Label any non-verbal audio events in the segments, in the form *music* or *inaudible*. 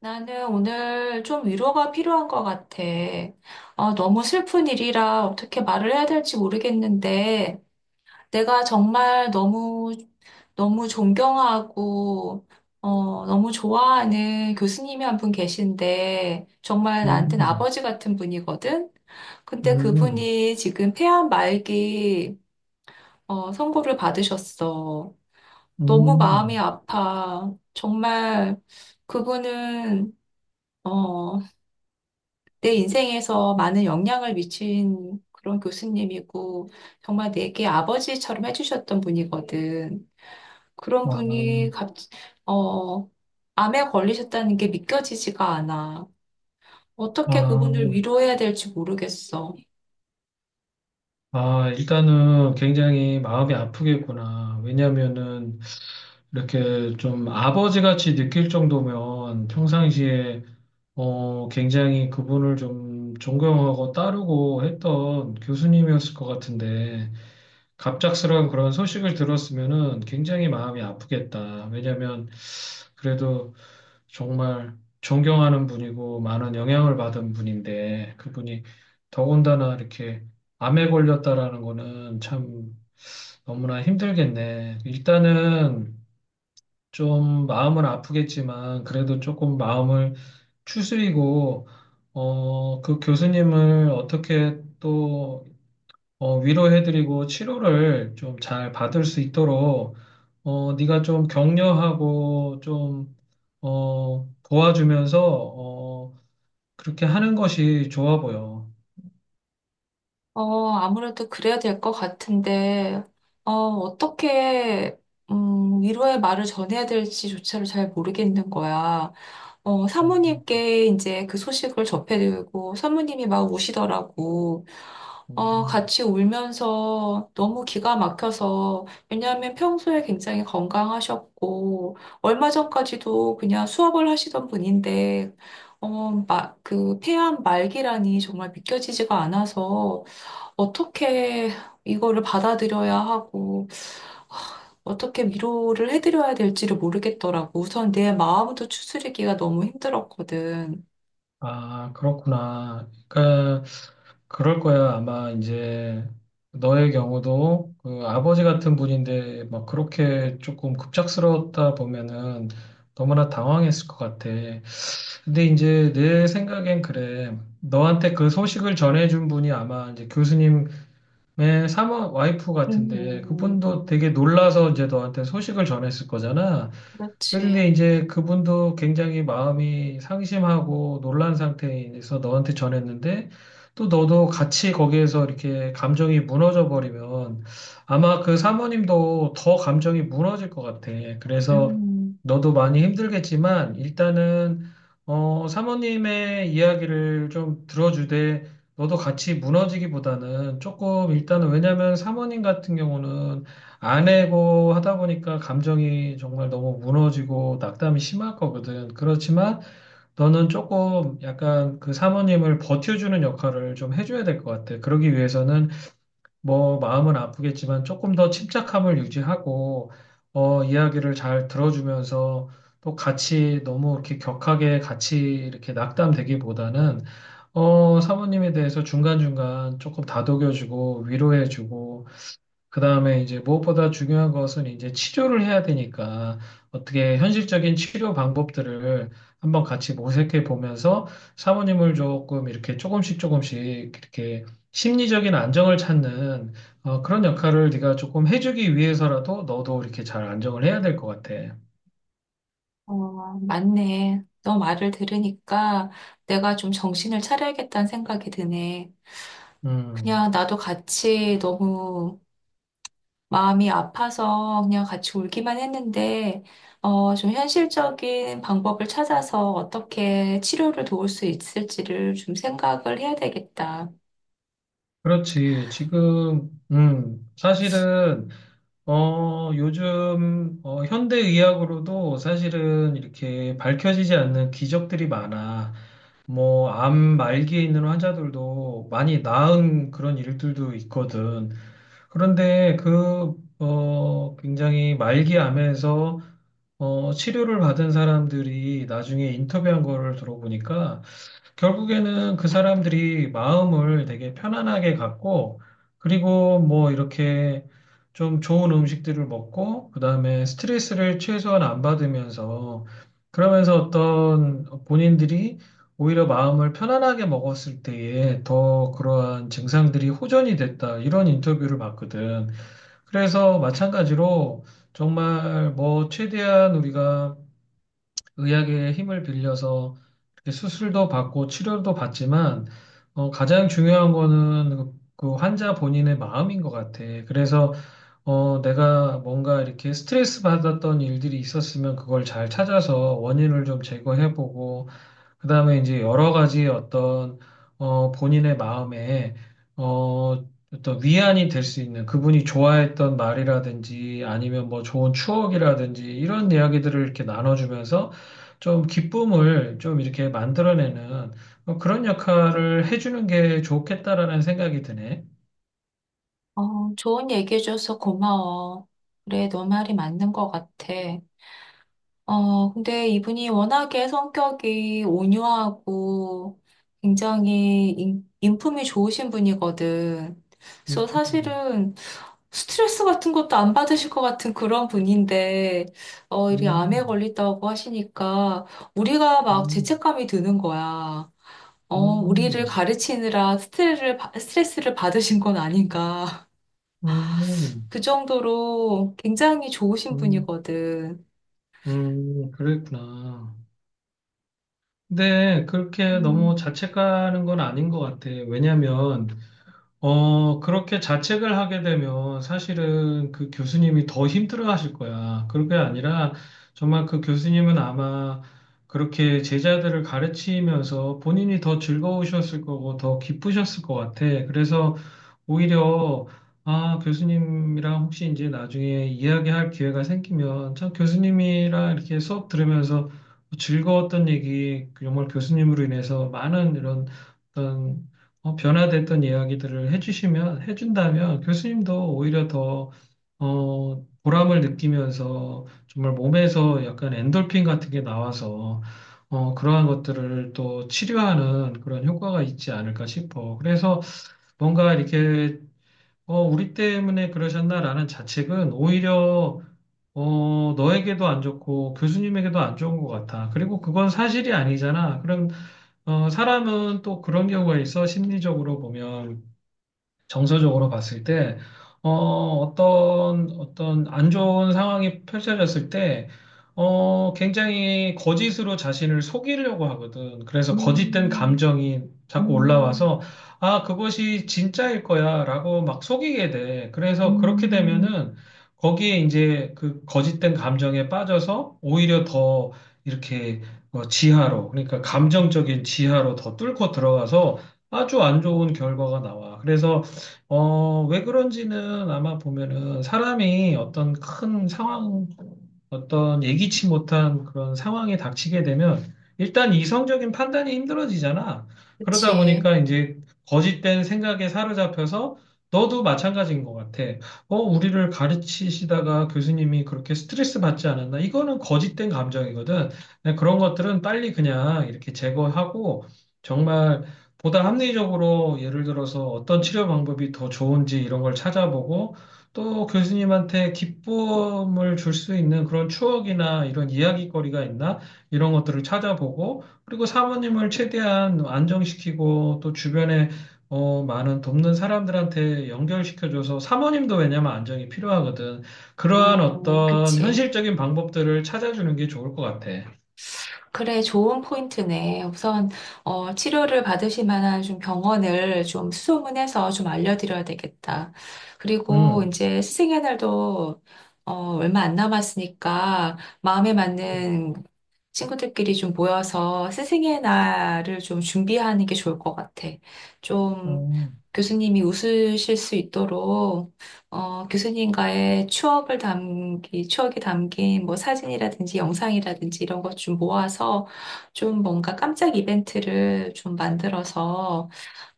나는 오늘 좀 위로가 필요한 것 같아. 너무 슬픈 일이라 어떻게 말을 해야 될지 모르겠는데, 내가 정말 너무, 너무 존경하고, 너무 좋아하는 교수님이 한 분 계신데, 정말 나한테는 음, 아버지 같은 분이거든? 근데 음, 그분이 지금 폐암 말기, 선고를 받으셨어. 너무 음, 마음이 아파. 정말 그분은 어, 내 인생에서 많은 영향을 미친 그런 교수님이고, 정말 내게 아버지처럼 해주셨던 분이거든. 그런 와, 분이 갑, 어, 암에 걸리셨다는 게 믿겨지지가 않아. 어떻게 아, 그분을 위로해야 될지 모르겠어. 아, 일단은 굉장히 마음이 아프겠구나. 왜냐면은 이렇게 좀 아버지 같이 느낄 정도면 평상시에 굉장히 그분을 좀 존경하고 따르고 했던 교수님이었을 것 같은데 갑작스러운 그런 소식을 들었으면은 굉장히 마음이 아프겠다. 왜냐면 그래도 정말 존경하는 분이고 많은 영향을 받은 분인데 그분이 더군다나 이렇게 암에 걸렸다라는 거는 참 너무나 힘들겠네. 일단은 좀 마음은 아프겠지만 그래도 조금 마음을 추스리고 그 교수님을 어떻게 또 위로해드리고 치료를 좀 잘 받을 수 있도록 네가 좀 격려하고 좀 도와주면서 어, 그렇게 하는 것이 좋아 보여. 아무래도 그래야 될 것 같은데, 어, 어떻게, 위로의 말을 전해야 될지조차를 잘 모르겠는 거야. 음, 사모님께 이제 그 소식을 접해드리고, 사모님이 막 우시더라고. 음. 같이 울면서 너무 기가 막혀서, 왜냐하면 평소에 굉장히 건강하셨고, 얼마 전까지도 그냥 수업을 하시던 분인데, 폐암 말기라니 정말 믿겨지지가 않아서, 어떻게 이거를 받아들여야 하고, 어떻게 위로를 해드려야 될지를 모르겠더라고. 우선 내 마음도 추스르기가 너무 힘들었거든. 아, 그렇구나. 그러니까 그럴 거야. 아마 이제 너의 경우도 그 아버지 같은 분인데 막 그렇게 조금 급작스러웠다 보면은 너무나 당황했을 것 같아. 근데 이제 내 생각엔 그래. 너한테 그 소식을 전해준 분이 아마 이제 교수님 내 사마 와이프 같은데 음, 그분도 되게 놀라서 이제 너한테 소식을 전했을 거잖아. 그렇지. 근데 이제 그분도 굉장히 마음이 상심하고 놀란 상태에서 너한테 전했는데 또 너도 같이 거기에서 이렇게 감정이 무너져 버리면 아마 그 사모님도 더 감정이 무너질 것 같아. 그래서 음, 너도 많이 힘들겠지만 일단은 사모님의 이야기를 좀 들어주되 너도 같이 무너지기보다는 조금 일단은 왜냐면 사모님 같은 경우는 안 해고 하다 보니까 감정이 정말 너무 무너지고 낙담이 심할 거거든. 그렇지만 너는 조금 약간 그 사모님을 버텨주는 역할을 좀 해줘야 될 것 같아. 그러기 위해서는 뭐 마음은 아프겠지만 조금 더 침착함을 유지하고 이야기를 잘 들어주면서 또 같이 너무 이렇게 격하게 같이 이렇게 낙담되기보다는 사모님에 대해서 중간중간 조금 다독여주고 위로해주고 그다음에 이제 무엇보다 중요한 것은 이제 치료를 해야 되니까 어떻게 현실적인 치료 방법들을 한번 같이 모색해 보면서 사모님을 조금 이렇게 조금씩 조금씩 이렇게 심리적인 안정을 찾는 그런 역할을 네가 조금 해주기 위해서라도 너도 이렇게 잘 안정을 해야 될 것 같아. 맞네. 너 말을 들으니까 내가 좀 정신을 차려야겠다는 생각이 드네. 음, 그냥 나도 같이 너무 마음이 아파서 그냥 같이 울기만 했는데, 좀 현실적인 방법을 찾아서 어떻게 치료를 도울 수 있을지를 좀 생각을 해야 되겠다. 그렇지. 지금, 사실은 요즘 현대의학으로도 사실은 이렇게 밝혀지지 않는 기적들이 많아. 뭐, 암 말기에 있는 환자들도 많이 나은 그런 일들도 있거든. 그런데 굉장히 말기 암에서 치료를 받은 사람들이 나중에 인터뷰한 거를 들어보니까 결국에는 그 사람들이 마음을 되게 편안하게 갖고, 그리고 뭐 이렇게 좀 좋은 음식들을 먹고, 그 다음에 스트레스를 최소한 안 받으면서, 그러면서 어떤 본인들이 오히려 마음을 편안하게 먹었을 때에 더 그러한 증상들이 호전이 됐다, 이런 인터뷰를 봤거든. 그래서 마찬가지로 정말 뭐 최대한 우리가 의학의 힘을 빌려서 이렇게 수술도 받고 치료도 받지만 가장 중요한 거는 그그 환자 본인의 마음인 것 같아. 그래서 내가 뭔가 이렇게 스트레스 받았던 일들이 있었으면 그걸 잘 찾아서 원인을 좀 제거해보고 그다음에 이제 여러 가지 어떤 본인의 마음에 어 어떤 위안이 될 수 있는 그분이 좋아했던 말이라든지 아니면 뭐 좋은 추억이라든지 이런 이야기들을 이렇게 나눠주면서 좀 기쁨을 좀 이렇게 만들어내는 뭐 그런 역할을 해주는 게 좋겠다라는 생각이 드네. 좋은 얘기해줘서 고마워. 그래, 너 말이 맞는 것 같아. 근데 이분이 워낙에 성격이 온유하고 굉장히 인품이 좋으신 분이거든. 그래서 음, 사실은 스트레스 같은 것도 안 받으실 것 같은 그런 분인데, 이리 암에 음, 걸린다고 하시니까 우리가 막 음, 죄책감이 드는 거야. 우리를 음, 가르치느라 스트레스를 받으신 건 아닌가. *laughs* 음, 그 정도로 굉장히 좋으신 음, 분이거든. 그랬구나. 근데 그렇게 너무 음, 자책하는 건 아닌 것 같아. 왜냐면 그렇게 자책을 하게 되면 사실은 그 교수님이 더 힘들어 하실 거야. 그게 런 아니라 정말 그 교수님은 아마 그렇게 제자들을 가르치면서 본인이 더 즐거우셨을 거고 더 기쁘셨을 것 같아. 그래서 오히려 아, 교수님이랑 혹시 이제 나중에 이야기할 기회가 생기면 참 교수님이랑 이렇게 수업 들으면서 즐거웠던 얘기, 정말 교수님으로 인해서 많은 이런 어떤 변화됐던 이야기들을 해준다면 교수님도 오히려 더, 보람을 느끼면서 정말 몸에서 약간 엔돌핀 같은 게 나와서, 그러한 것들을 또 치료하는 그런 효과가 있지 않을까 싶어. 그래서 뭔가 이렇게, 우리 때문에 그러셨나라는 자책은 오히려 너에게도 안 좋고 교수님에게도 안 좋은 것 같아. 그리고 그건 사실이 아니잖아. 그럼, 사람은 또 그런 경우가 있어. 심리적으로 보면. 정서적으로 봤을 때, 어, 어떤 안 좋은 상황이 펼쳐졌을 때, 굉장히 거짓으로 자신을 속이려고 하거든. 그래서 거짓된 음. 감정이 자꾸 음, 올라와서, 아, 그것이 진짜일 거야, 라고 막 속이게 돼. 그래서 그렇게 음, 되면은, 거기에 이제 그 거짓된 감정에 빠져서 오히려 더 이렇게 지하로, 그러니까 감정적인 지하로 더 뚫고 들어가서 아주 안 좋은 결과가 나와. 그래서 왜 그런지는 아마 보면은 사람이 어떤 큰 상황, 어떤 예기치 못한 그런 상황에 닥치게 되면 일단 이성적인 판단이 힘들어지잖아. 그러다 그치. 보니까 이제 거짓된 생각에 사로잡혀서 너도 마찬가지인 것 같아. 우리를 가르치시다가 교수님이 그렇게 스트레스 받지 않았나? 이거는 거짓된 감정이거든. 네, 그런 것들은 빨리 그냥 이렇게 제거하고 정말 보다 합리적으로 예를 들어서 어떤 치료 방법이 더 좋은지 이런 걸 찾아보고 또 교수님한테 기쁨을 줄 수 있는 그런 추억이나 이런 이야기거리가 있나 이런 것들을 찾아보고 그리고 사모님을 최대한 안정시키고 또 주변에 많은 돕는 사람들한테 연결시켜줘서 사모님도 왜냐면 안정이 필요하거든. 그러한 어떤 그치. 현실적인 방법들을 찾아주는 게 좋을 것 같아. 그래, 좋은 포인트네. 우선, 치료를 받으실 만한 좀 병원을 좀 수소문해서 좀 알려드려야 되겠다. 그리고 음. 이제 스승의 날도, 어, 얼마 안 남았으니까 마음에 맞는 친구들끼리 좀 모여서 스승의 날을 좀 준비하는 게 좋을 것 같아. 좀 음. 교수님이 웃으실 수 있도록 교수님과의 추억이 담긴 뭐 사진이라든지 영상이라든지 이런 것 좀 모아서 좀 뭔가 깜짝 이벤트를 좀 만들어서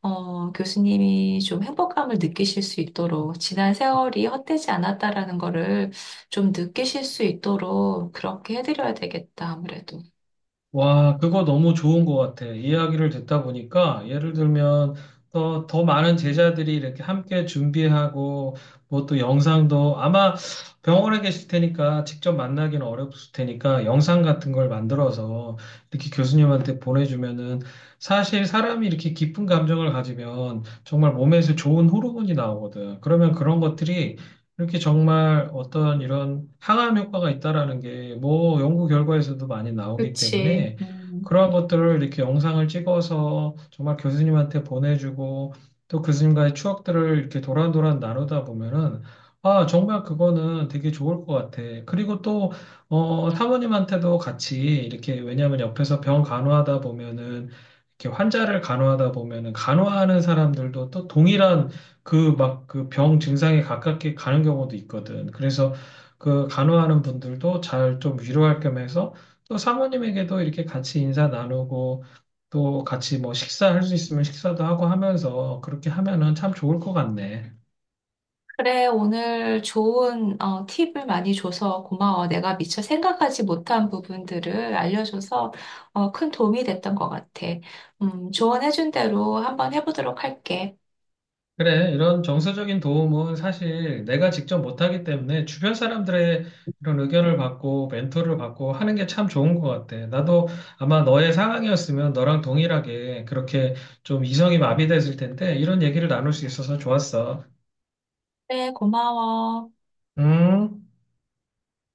교수님이 좀 행복감을 느끼실 수 있도록 지난 세월이 헛되지 않았다라는 거를 좀 느끼실 수 있도록 그렇게 해드려야 되겠다, 아무래도. 와, 그거 너무 좋은 것 같아. 이야기를 듣다 보니까 예를 들면 더 많은 제자들이 이렇게 함께 준비하고 뭐 또 영상도 아마 병원에 계실 테니까 직접 만나기는 어렵을 테니까 영상 같은 걸 만들어서 이렇게 교수님한테 보내주면은 사실 사람이 이렇게 기쁜 감정을 가지면 정말 몸에서 좋은 호르몬이 나오거든. 그러면 그런 것들이 이렇게 정말 어떤 이런 항암 효과가 있다라는 게 뭐 연구 결과에서도 많이 나오기 그치. 때문에 음. 그러한 것들을 이렇게 영상을 찍어서 정말 교수님한테 보내주고 또 교수님과의 추억들을 이렇게 도란도란 나누다 보면은 아, 정말 그거는 되게 좋을 것 같아. 그리고 또, 사모님한테도 같이 이렇게 왜냐하면 옆에서 병 간호하다 보면은 이렇게 환자를 간호하다 보면은 간호하는 사람들도 또 동일한 그 막 그 병 증상에 가깝게 가는 경우도 있거든. 그래서 그 간호하는 분들도 잘 좀 위로할 겸 해서 또 사모님에게도 이렇게 같이 인사 나누고 또 같이 뭐 식사할 수 있으면 식사도 하고 하면서 그렇게 하면은 참 좋을 것 같네. 그래, 오늘 좋은 팁을 많이 줘서 고마워. 내가 미처 생각하지 못한 부분들을 알려줘서 큰 도움이 됐던 것 같아. 조언해준 대로 한번 해보도록 할게. 그래, 이런 정서적인 도움은 사실 내가 직접 못하기 때문에 주변 사람들의 이런 의견을 받고 멘토를 받고 하는 게 참 좋은 것 같아. 나도 아마 너의 상황이었으면 너랑 동일하게 그렇게 좀 이성이 마비됐을 텐데 이런 얘기를 나눌 수 있어서 좋았어. 그래, 고마워. 음.